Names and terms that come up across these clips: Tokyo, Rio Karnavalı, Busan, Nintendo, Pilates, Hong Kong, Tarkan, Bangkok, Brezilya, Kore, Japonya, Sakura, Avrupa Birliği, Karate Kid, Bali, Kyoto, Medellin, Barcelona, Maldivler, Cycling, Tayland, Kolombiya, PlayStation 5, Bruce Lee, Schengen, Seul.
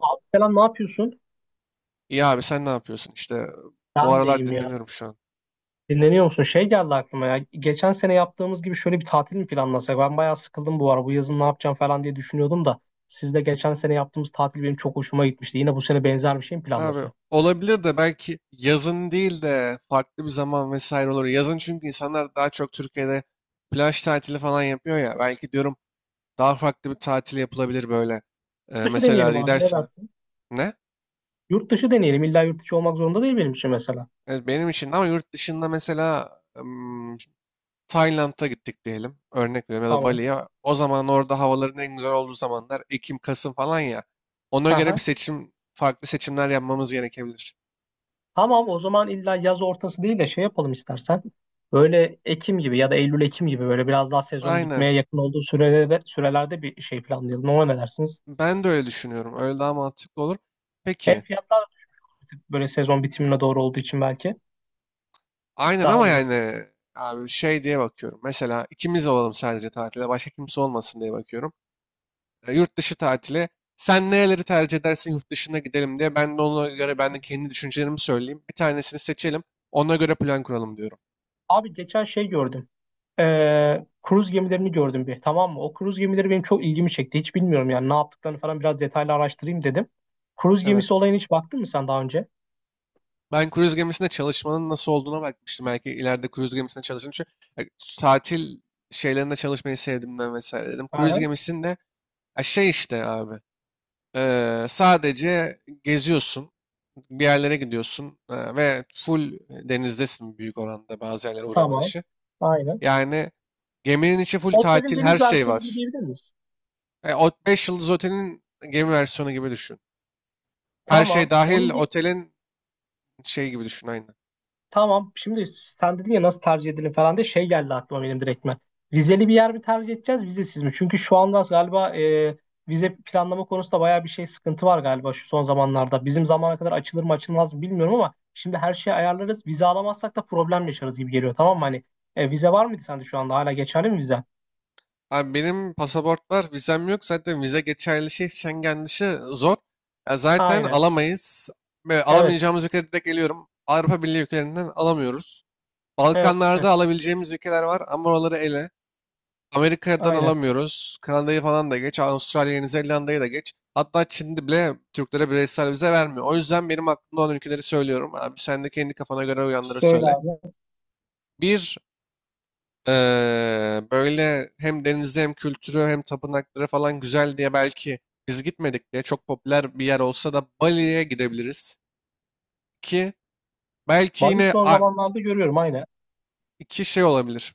Abi falan ne yapıyorsun? İyi abi sen ne yapıyorsun? İşte bu Ben de aralar iyiyim ya. dinleniyorum şu an. Dinleniyor musun? Şey geldi aklıma ya. Geçen sene yaptığımız gibi şöyle bir tatil mi planlasak? Ben bayağı sıkıldım bu ara. Bu yazın ne yapacağım falan diye düşünüyordum da. Siz de geçen sene yaptığımız tatil benim çok hoşuma gitmişti. Yine bu sene benzer bir şey mi Abi planlasak? olabilir de belki yazın değil de farklı bir zaman vesaire olur. Yazın çünkü insanlar daha çok Türkiye'de plaj tatili falan yapıyor ya. Belki diyorum daha farklı bir tatil yapılabilir böyle. Yurt dışı deneyelim Mesela abi ne gidersin. dersin? Ne? Yurt dışı deneyelim. İlla yurt dışı olmak zorunda değil benim için mesela. Evet, benim için ama yurt dışında mesela ım, Tayland'a gittik diyelim. Örnek veriyorum ya da Tamam. Bali'ye. O zaman orada havaların en güzel olduğu zamanlar Ekim, Kasım falan ya. Ona göre bir Aha. seçim, farklı seçimler yapmamız gerekebilir. Tamam, o zaman illa yaz ortası değil de şey yapalım istersen. Böyle Ekim gibi ya da Eylül Ekim gibi böyle biraz daha sezonun Aynen. bitmeye yakın olduğu sürelerde bir şey planlayalım. Ona ne dersiniz? Ben de öyle düşünüyorum. Öyle daha mantıklı olur. Hem Peki. fiyatlar da bir tık böyle sezon bitimine doğru olduğu için belki Aynen daha ama uygun. yani abi şey diye bakıyorum. Mesela ikimiz olalım sadece tatile. Başka kimse olmasın diye bakıyorum. Yurt dışı tatili. Sen nereleri tercih edersin yurt dışına gidelim diye. Ben de ona göre ben de kendi düşüncelerimi söyleyeyim. Bir tanesini seçelim. Ona göre plan kuralım diyorum. Abi geçen şey gördüm. Kruz gemilerini gördüm bir. Tamam mı? O kruz gemileri benim çok ilgimi çekti. Hiç bilmiyorum yani ne yaptıklarını falan biraz detaylı araştırayım dedim. Kruz gemisi Evet. olayına hiç baktın mı sen daha önce? Ben kruz gemisinde çalışmanın nasıl olduğuna bakmıştım. Belki ileride kruz gemisinde çalışırım. Çünkü e, tatil şeylerinde çalışmayı sevdiğimden vesaire dedim. Kruz Aha, gemisinde ya şey işte abi. Sadece geziyorsun, bir yerlere gidiyorsun ve full denizdesin büyük oranda bazı yerlere uğrama tamam. dışı. Aynen. Yani geminin içi full Otelin tatil, her deniz şey versiyonu gibi var. diyebilir miyiz? O 5 yıldız otelin gemi versiyonu gibi düşün. Her şey Tamam. dahil otelin şey gibi düşün aynı. Tamam. Şimdi sen dedin ya nasıl tercih edelim falan diye şey geldi aklıma benim direktmen. Vizeli bir yer mi tercih edeceğiz, vizesiz mi? Çünkü şu anda galiba vize planlama konusunda bayağı bir şey sıkıntı var galiba şu son zamanlarda. Bizim zamana kadar açılır mı açılmaz mı bilmiyorum ama şimdi her şeyi ayarlarız. Vize alamazsak da problem yaşarız gibi geliyor. Tamam mı? Hani vize var mıydı sende şu anda? Hala geçerli mi vize? Abi benim pasaport var, vizem yok. Zaten vize geçerli şey Schengen dışı zor. Ya zaten Aynen. alamayız. Ve Evet. alamayacağımız ülkeye direkt geliyorum. Avrupa Birliği ülkelerinden alamıyoruz. Evet. Balkanlarda Evet. alabileceğimiz ülkeler var ama oraları ele. Amerika'dan Aynen. alamıyoruz. Kanada'yı falan da geç. Avustralya, Yeni Zelanda'yı da geç. Hatta Çin'de bile Türklere bireysel vize vermiyor. O yüzden benim aklımda olan ülkeleri söylüyorum. Abi sen de kendi kafana göre uyanları Şöyle söyle. abi. Bir, böyle hem denizi hem kültürü hem tapınakları falan güzel diye belki biz gitmedik diye çok popüler bir yer olsa da Bali'ye gidebiliriz. İki, belki Bali yine son zamanlarda görüyorum aynen. iki şey olabilir.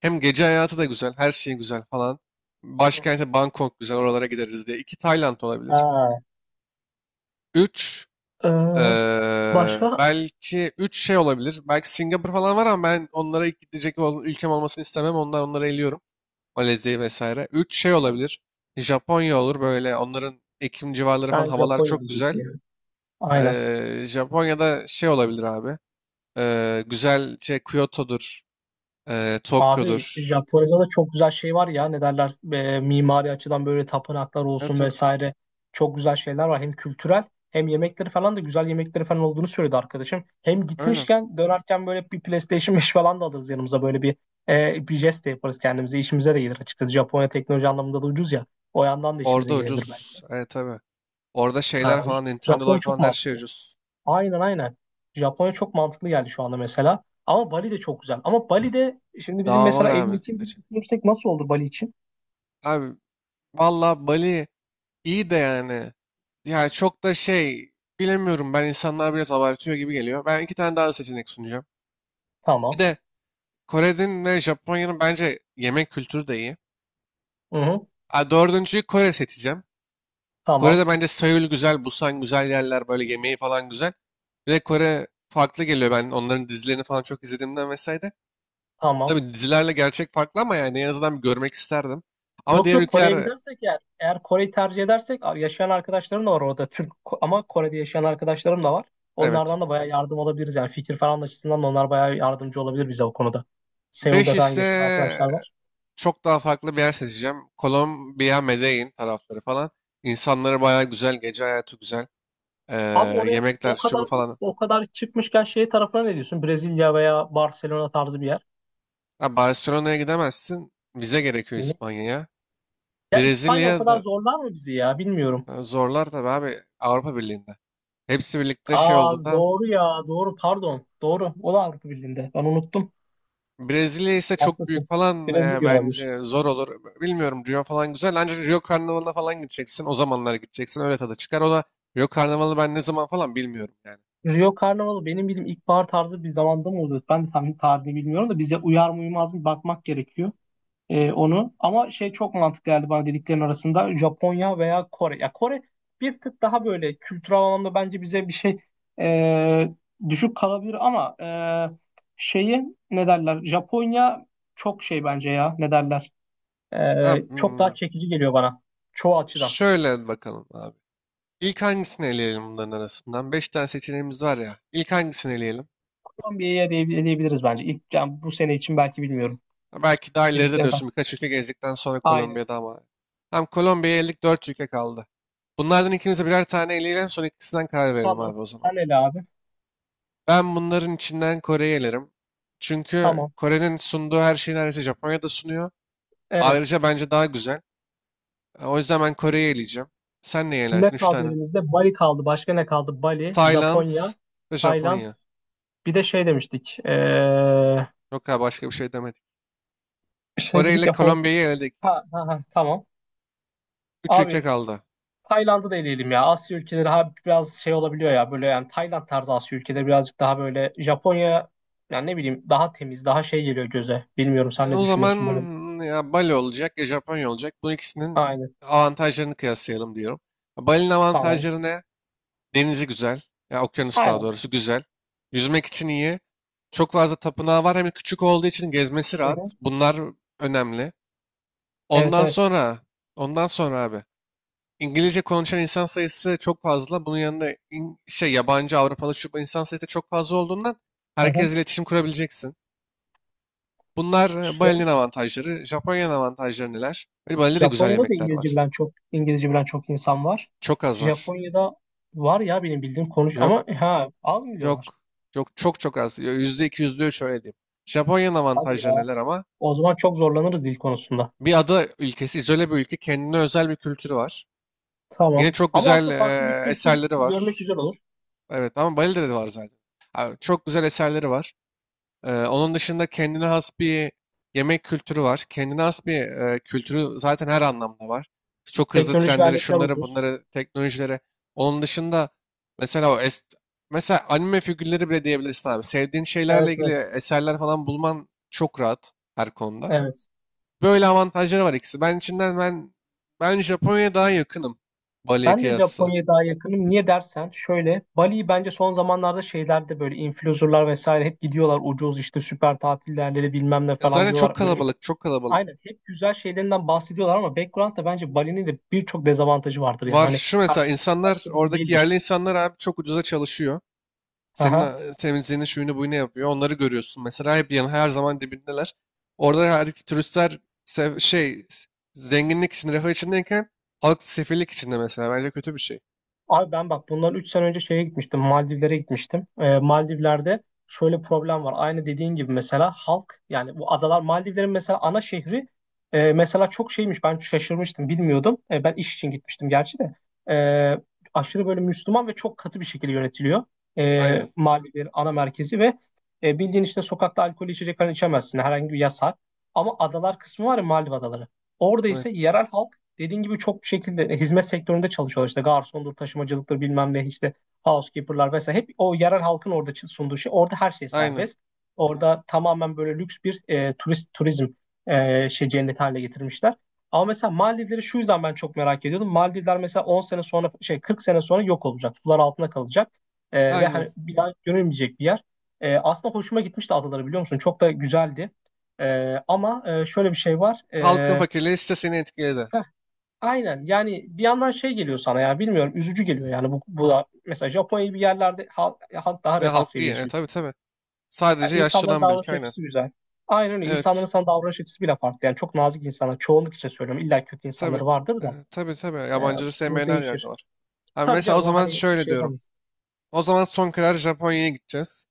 Hem gece hayatı da güzel, her şey güzel falan. Hı hı. Başkenti Bangkok güzel, oralara gideriz diye. İki Tayland olabilir. Ha. Üç, Ee, Başka? belki üç şey olabilir. Belki Singapur falan var ama ben onlara ilk gidecek ülkem olmasını istemem. Onlar onları eliyorum. Malezya'yı vesaire. Üç şey olabilir. Japonya olur böyle. Onların Ekim civarları falan Ben havalar Japonya çok güzel. diyecektim. Aynen. Japonya'da şey olabilir abi. Güzel şey Kyoto'dur. Abi Tokyo'dur. Japonya'da da çok güzel şey var ya ne derler, mimari açıdan böyle tapınaklar Evet, olsun evet, vesaire çok güzel şeyler var, hem kültürel hem yemekleri falan da güzel, yemekleri falan olduğunu söyledi arkadaşım. Hem öyle. gitmişken dönerken böyle bir PlayStation 5 falan da alırız yanımıza, böyle bir bir jest de yaparız kendimize, işimize de gelir açıkçası. Japonya teknoloji anlamında da ucuz ya, o yandan da Orada işimize gelebilir ucuz. belki. Evet, tabii. Orada şeyler Ha, falan, Nintendo'lar Japonya çok falan her şey mantıklı. ucuz. Aynen, aynen. Japonya çok mantıklı geldi şu anda mesela. Ama Bali de çok güzel. Ama Bali'de şimdi bizim Daha var mesela Eylül abi. Ekim gibi düşünürsek nasıl olur Bali için? Abi valla Bali iyi de yani. Yani çok da şey bilemiyorum, ben insanlar biraz abartıyor gibi geliyor. Ben iki tane daha seçenek sunacağım. Bir Tamam. de Kore'nin ve Japonya'nın bence yemek kültürü de iyi. Hı hı. Ha, dördüncüyü Kore seçeceğim. Tamam. Kore'de bence Seul güzel, Busan güzel yerler böyle yemeği falan güzel. Bir de Kore farklı geliyor, ben onların dizilerini falan çok izlediğimden vesaire. Tamam. Tabii dizilerle gerçek farklı ama yani en azından bir görmek isterdim. Ama Yok diğer yok, Kore'ye ülkeler gidersek eğer Kore'yi tercih edersek yaşayan arkadaşlarım da var orada, ama Kore'de yaşayan arkadaşlarım da var. evet. Onlardan da bayağı yardım alabiliriz yani, fikir falan açısından da onlar bayağı yardımcı olabilir bize o konuda. Beş Seul'de falan yaşayan ise arkadaşlar var. çok daha farklı bir yer seçeceğim. Kolombiya, Medellin tarafları falan. İnsanları bayağı güzel, gece hayatı güzel. Ee, Abi oraya Yemekler, şu bu falan. o kadar çıkmışken şey tarafına ne diyorsun? Brezilya veya Barcelona tarzı bir yer. Ha, Barcelona'ya gidemezsin. Vize gerekiyor Niye? İspanya'ya. Ya İspanya o Brezilya kadar da zorlar mı bizi ya? Bilmiyorum. Zorlar tabii abi Avrupa Birliği'nde. Hepsi birlikte şey Aa olduğundan doğru ya. Doğru, pardon. Doğru. O da Avrupa Birliği'nde. Ben unuttum. Brezilya ise çok büyük Haklısın. falan Brezilya olabilir. bence zor olur. Bilmiyorum, Rio falan güzel ancak Rio Karnavalı'na falan gideceksin. O zamanlar gideceksin, öyle tadı çıkar. O da Rio Karnavalı ben ne zaman falan bilmiyorum yani. Rio Karnavalı benim bildiğim ilkbahar tarzı bir zamanda mı oluyor? Ben tam tarihini bilmiyorum da bize uyar mı uymaz mı bakmak gerekiyor. Onu. Ama şey çok mantıklı geldi bana dediklerin arasında, Japonya veya Kore. Ya Kore bir tık daha böyle kültürel anlamda bence bize bir şey e, düşük kalabilir ama şeyi, ne derler? Japonya çok şey bence ya, ne derler? Abi, Çok daha çekici geliyor bana çoğu açıdan. şöyle bakalım abi. İlk hangisini eleyelim bunların arasından? Beş tane seçeneğimiz var ya. İlk hangisini eleyelim? Kolombiya'ya diyebiliriz bence. İlk yani bu sene için, belki bilmiyorum Ha, belki daha ileride dediklerini daha. diyorsun, birkaç ülke gezdikten sonra Aynen. Kolombiya'da ama. Tam Kolombiya'ya eldik, dört ülke kaldı. Bunlardan ikimize birer tane eleyelim, sonra ikisinden karar verelim Tamam. abi o zaman. Sen ele abi. Ben bunların içinden Kore'yi elerim. Çünkü Tamam. Kore'nin sunduğu her şeyi neredeyse Japonya da sunuyor. Evet. Ayrıca bence daha güzel. O yüzden ben Kore'yi eleyeceğim. Sen neyi Şimdi ne elersin? Üç kaldı tane. elimizde? Bali kaldı. Başka ne kaldı? Bali, Tayland Japonya, ve Tayland. Japonya. Bir de şey demiştik. Yok ya, başka bir şey demedik. Şey Kore dedik ile ya, Hong Kong. Kolombiya'yı eledik. Ha, ha, ha, tamam. Üç ülke Abi kaldı. Tayland'ı da eleyelim ya. Asya ülkeleri ha, biraz şey olabiliyor ya. Böyle yani Tayland tarzı Asya ülkeleri birazcık daha böyle, Japonya yani ne bileyim daha temiz, daha şey geliyor göze. Bilmiyorum, E, sen ne O zaman düşünüyorsun böyle? ya Bali olacak ya Japonya olacak. Bu ikisinin Aynen. avantajlarını kıyaslayalım diyorum. Bali'nin Tamam. avantajları ne? Denizi güzel. Ya okyanus daha Aynen. doğrusu güzel. Yüzmek için iyi. Çok fazla tapınağı var. Hem küçük olduğu için gezmesi Hı rahat. hı. Bunlar önemli. Evet, Ondan evet. sonra, ondan sonra abi. İngilizce konuşan insan sayısı çok fazla. Bunun yanında şey yabancı Avrupalı şu bu insan sayısı da çok fazla olduğundan Hı hı. herkes iletişim kurabileceksin. Bunlar Bali'nin avantajları. Japonya'nın avantajları neler? Böyle Bali'de de güzel Japonya'da da yemekler var. İngilizce bilen çok insan var. Çok az var. Japonya'da var ya benim bildiğim, konuş Yok, ama ha, az mı biliyorlar? yok. Yok, çok çok az. %2, %3 öyle diyeyim. Japonya'nın Hadi avantajları ya. neler ama? O zaman çok zorlanırız dil konusunda. Bir ada ülkesi, izole bir ülke. Kendine özel bir kültürü var. Yine Tamam. çok Ama güzel aslında farklı bir kültür eserleri görmek var. güzel olur. Evet ama Bali'de de var zaten. Abi, çok güzel eserleri var. Onun dışında kendine has bir yemek kültürü var. Kendine has bir kültürü zaten her anlamda var. Çok hızlı Teknolojik trenleri, aletler şunları, ucuz. bunları, teknolojilere. Onun dışında mesela o mesela anime figürleri bile diyebilirsin abi. Sevdiğin Evet, şeylerle ilgili evet, eserler falan bulman çok rahat her konuda. evet. Böyle avantajları var ikisi. Ben içinden ben Japonya'ya daha yakınım Bali'ye Ben de kıyasla. Japonya'ya daha yakınım. Niye dersen, şöyle, Bali'yi bence son zamanlarda şeylerde böyle influencerlar vesaire hep gidiyorlar, ucuz işte, süper tatil yerleri bilmem ne falan Zaten çok diyorlar. Böyle kalabalık, çok kalabalık. aynen hep güzel şeylerinden bahsediyorlar ama background'da bence Bali'nin de birçok dezavantajı vardır yani. Var Hani şu her mesela, şey insanlar gösterdiği gibi oradaki değildir. yerli insanlar abi çok ucuza çalışıyor. Senin Aha. Temizliğini şuyunu buyunu yapıyor. Onları görüyorsun. Mesela hep her zaman dibindeler. Orada her iki turistler şey zenginlik için refah içindeyken halk sefillik içinde mesela. Bence kötü bir şey. Abi ben bak, bundan 3 sene önce şeye gitmiştim. Maldivlere gitmiştim. Maldivler'de şöyle problem var. Aynı dediğin gibi mesela halk, yani bu adalar, Maldivlerin mesela ana şehri mesela çok şeymiş. Ben şaşırmıştım, bilmiyordum. Ben iş için gitmiştim gerçi de. E, Aşırı böyle Müslüman ve çok katı bir şekilde yönetiliyor. Aynen. Maldivlerin ana merkezi ve bildiğin işte sokakta alkol içecek falan içemezsin. Herhangi bir yasak. Ama adalar kısmı var ya, Maldiv adaları. Orada ise Evet. yerel halk dediğin gibi çok bir şekilde hizmet sektöründe çalışıyorlar. İşte garsondur, taşımacılıktır, bilmem ne, işte housekeeper'lar vesaire. Hep o yerel halkın orada sunduğu şey. Orada her şey Aynen. serbest. Orada tamamen böyle lüks bir turist, turizm şey cenneti haline getirmişler. Ama mesela Maldivleri şu yüzden ben çok merak ediyordum. Maldivler mesela 10 sene sonra şey, 40 sene sonra yok olacak. Sular altında kalacak. Ve Aynen. hani bir daha görülmeyecek bir yer. Aslında hoşuma gitmişti adaları, biliyor musun? Çok da güzeldi. Ama şöyle bir şey var. Halkın fakirliği işte seni etkiledi. heh, Aynen yani, bir yandan şey geliyor sana ya, bilmiyorum, üzücü geliyor yani. Bu da mesela Japonya gibi yerlerde halk daha, Ve refah halk iyi. Seviyesi Tabii, yüksek. tabii. Yani Sadece insanların yaşlanan bir ülke. davranış Aynen. açısı güzel. Aynen öyle, insanların Evet. sana davranış açısı bile farklı yani, çok nazik insanlar, çoğunluk için söylüyorum, illa kötü Tabii. insanları vardır da Tabii, tabii. e, Yabancıları bu sevmeyen her yerde değişir. var. Ha, Tabii mesela o canım, o zaman hani şöyle şey diyorum. yapamayız. O zaman son karar Japonya'ya gideceğiz.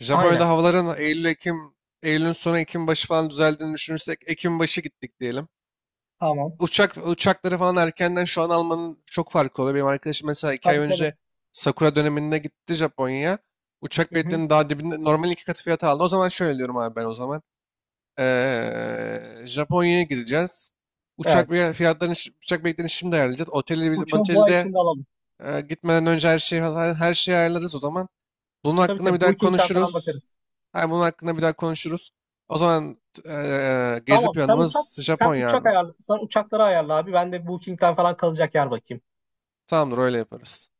Japonya'da Aynen, havaların Eylül, Ekim, Eylül'ün sonu Ekim başı falan düzeldiğini düşünürsek Ekim başı gittik diyelim. tamam, Uçakları falan erkenden şu an almanın çok farkı oluyor. Benim arkadaşım mesela 2 ay tabii tabii, önce Sakura döneminde gitti Japonya'ya. Uçak hı hı. biletlerinin daha dibinde normal iki katı fiyata aldı. O zaman şöyle diyorum abi ben o zaman. Ee, Japonya'ya gideceğiz. Uçak Evet, bilet- fiyatlarını, şi- uçak biletlerini şimdi ayarlayacağız. Oteli, uçağı bu ay otelde içinde alalım. Gitmeden önce her şeyi ayarlarız o zaman. Bunun Tabii hakkında bir tabii, daha Booking'den falan konuşuruz. bakarız. Hayır, bunun hakkında bir daha konuşuruz. O zaman gezi Tamam, planımız sen Japonya uçak abi. ayarla, sen uçakları ayarla abi, ben de Booking'den falan kalacak yer bakayım. Tamamdır, öyle yaparız.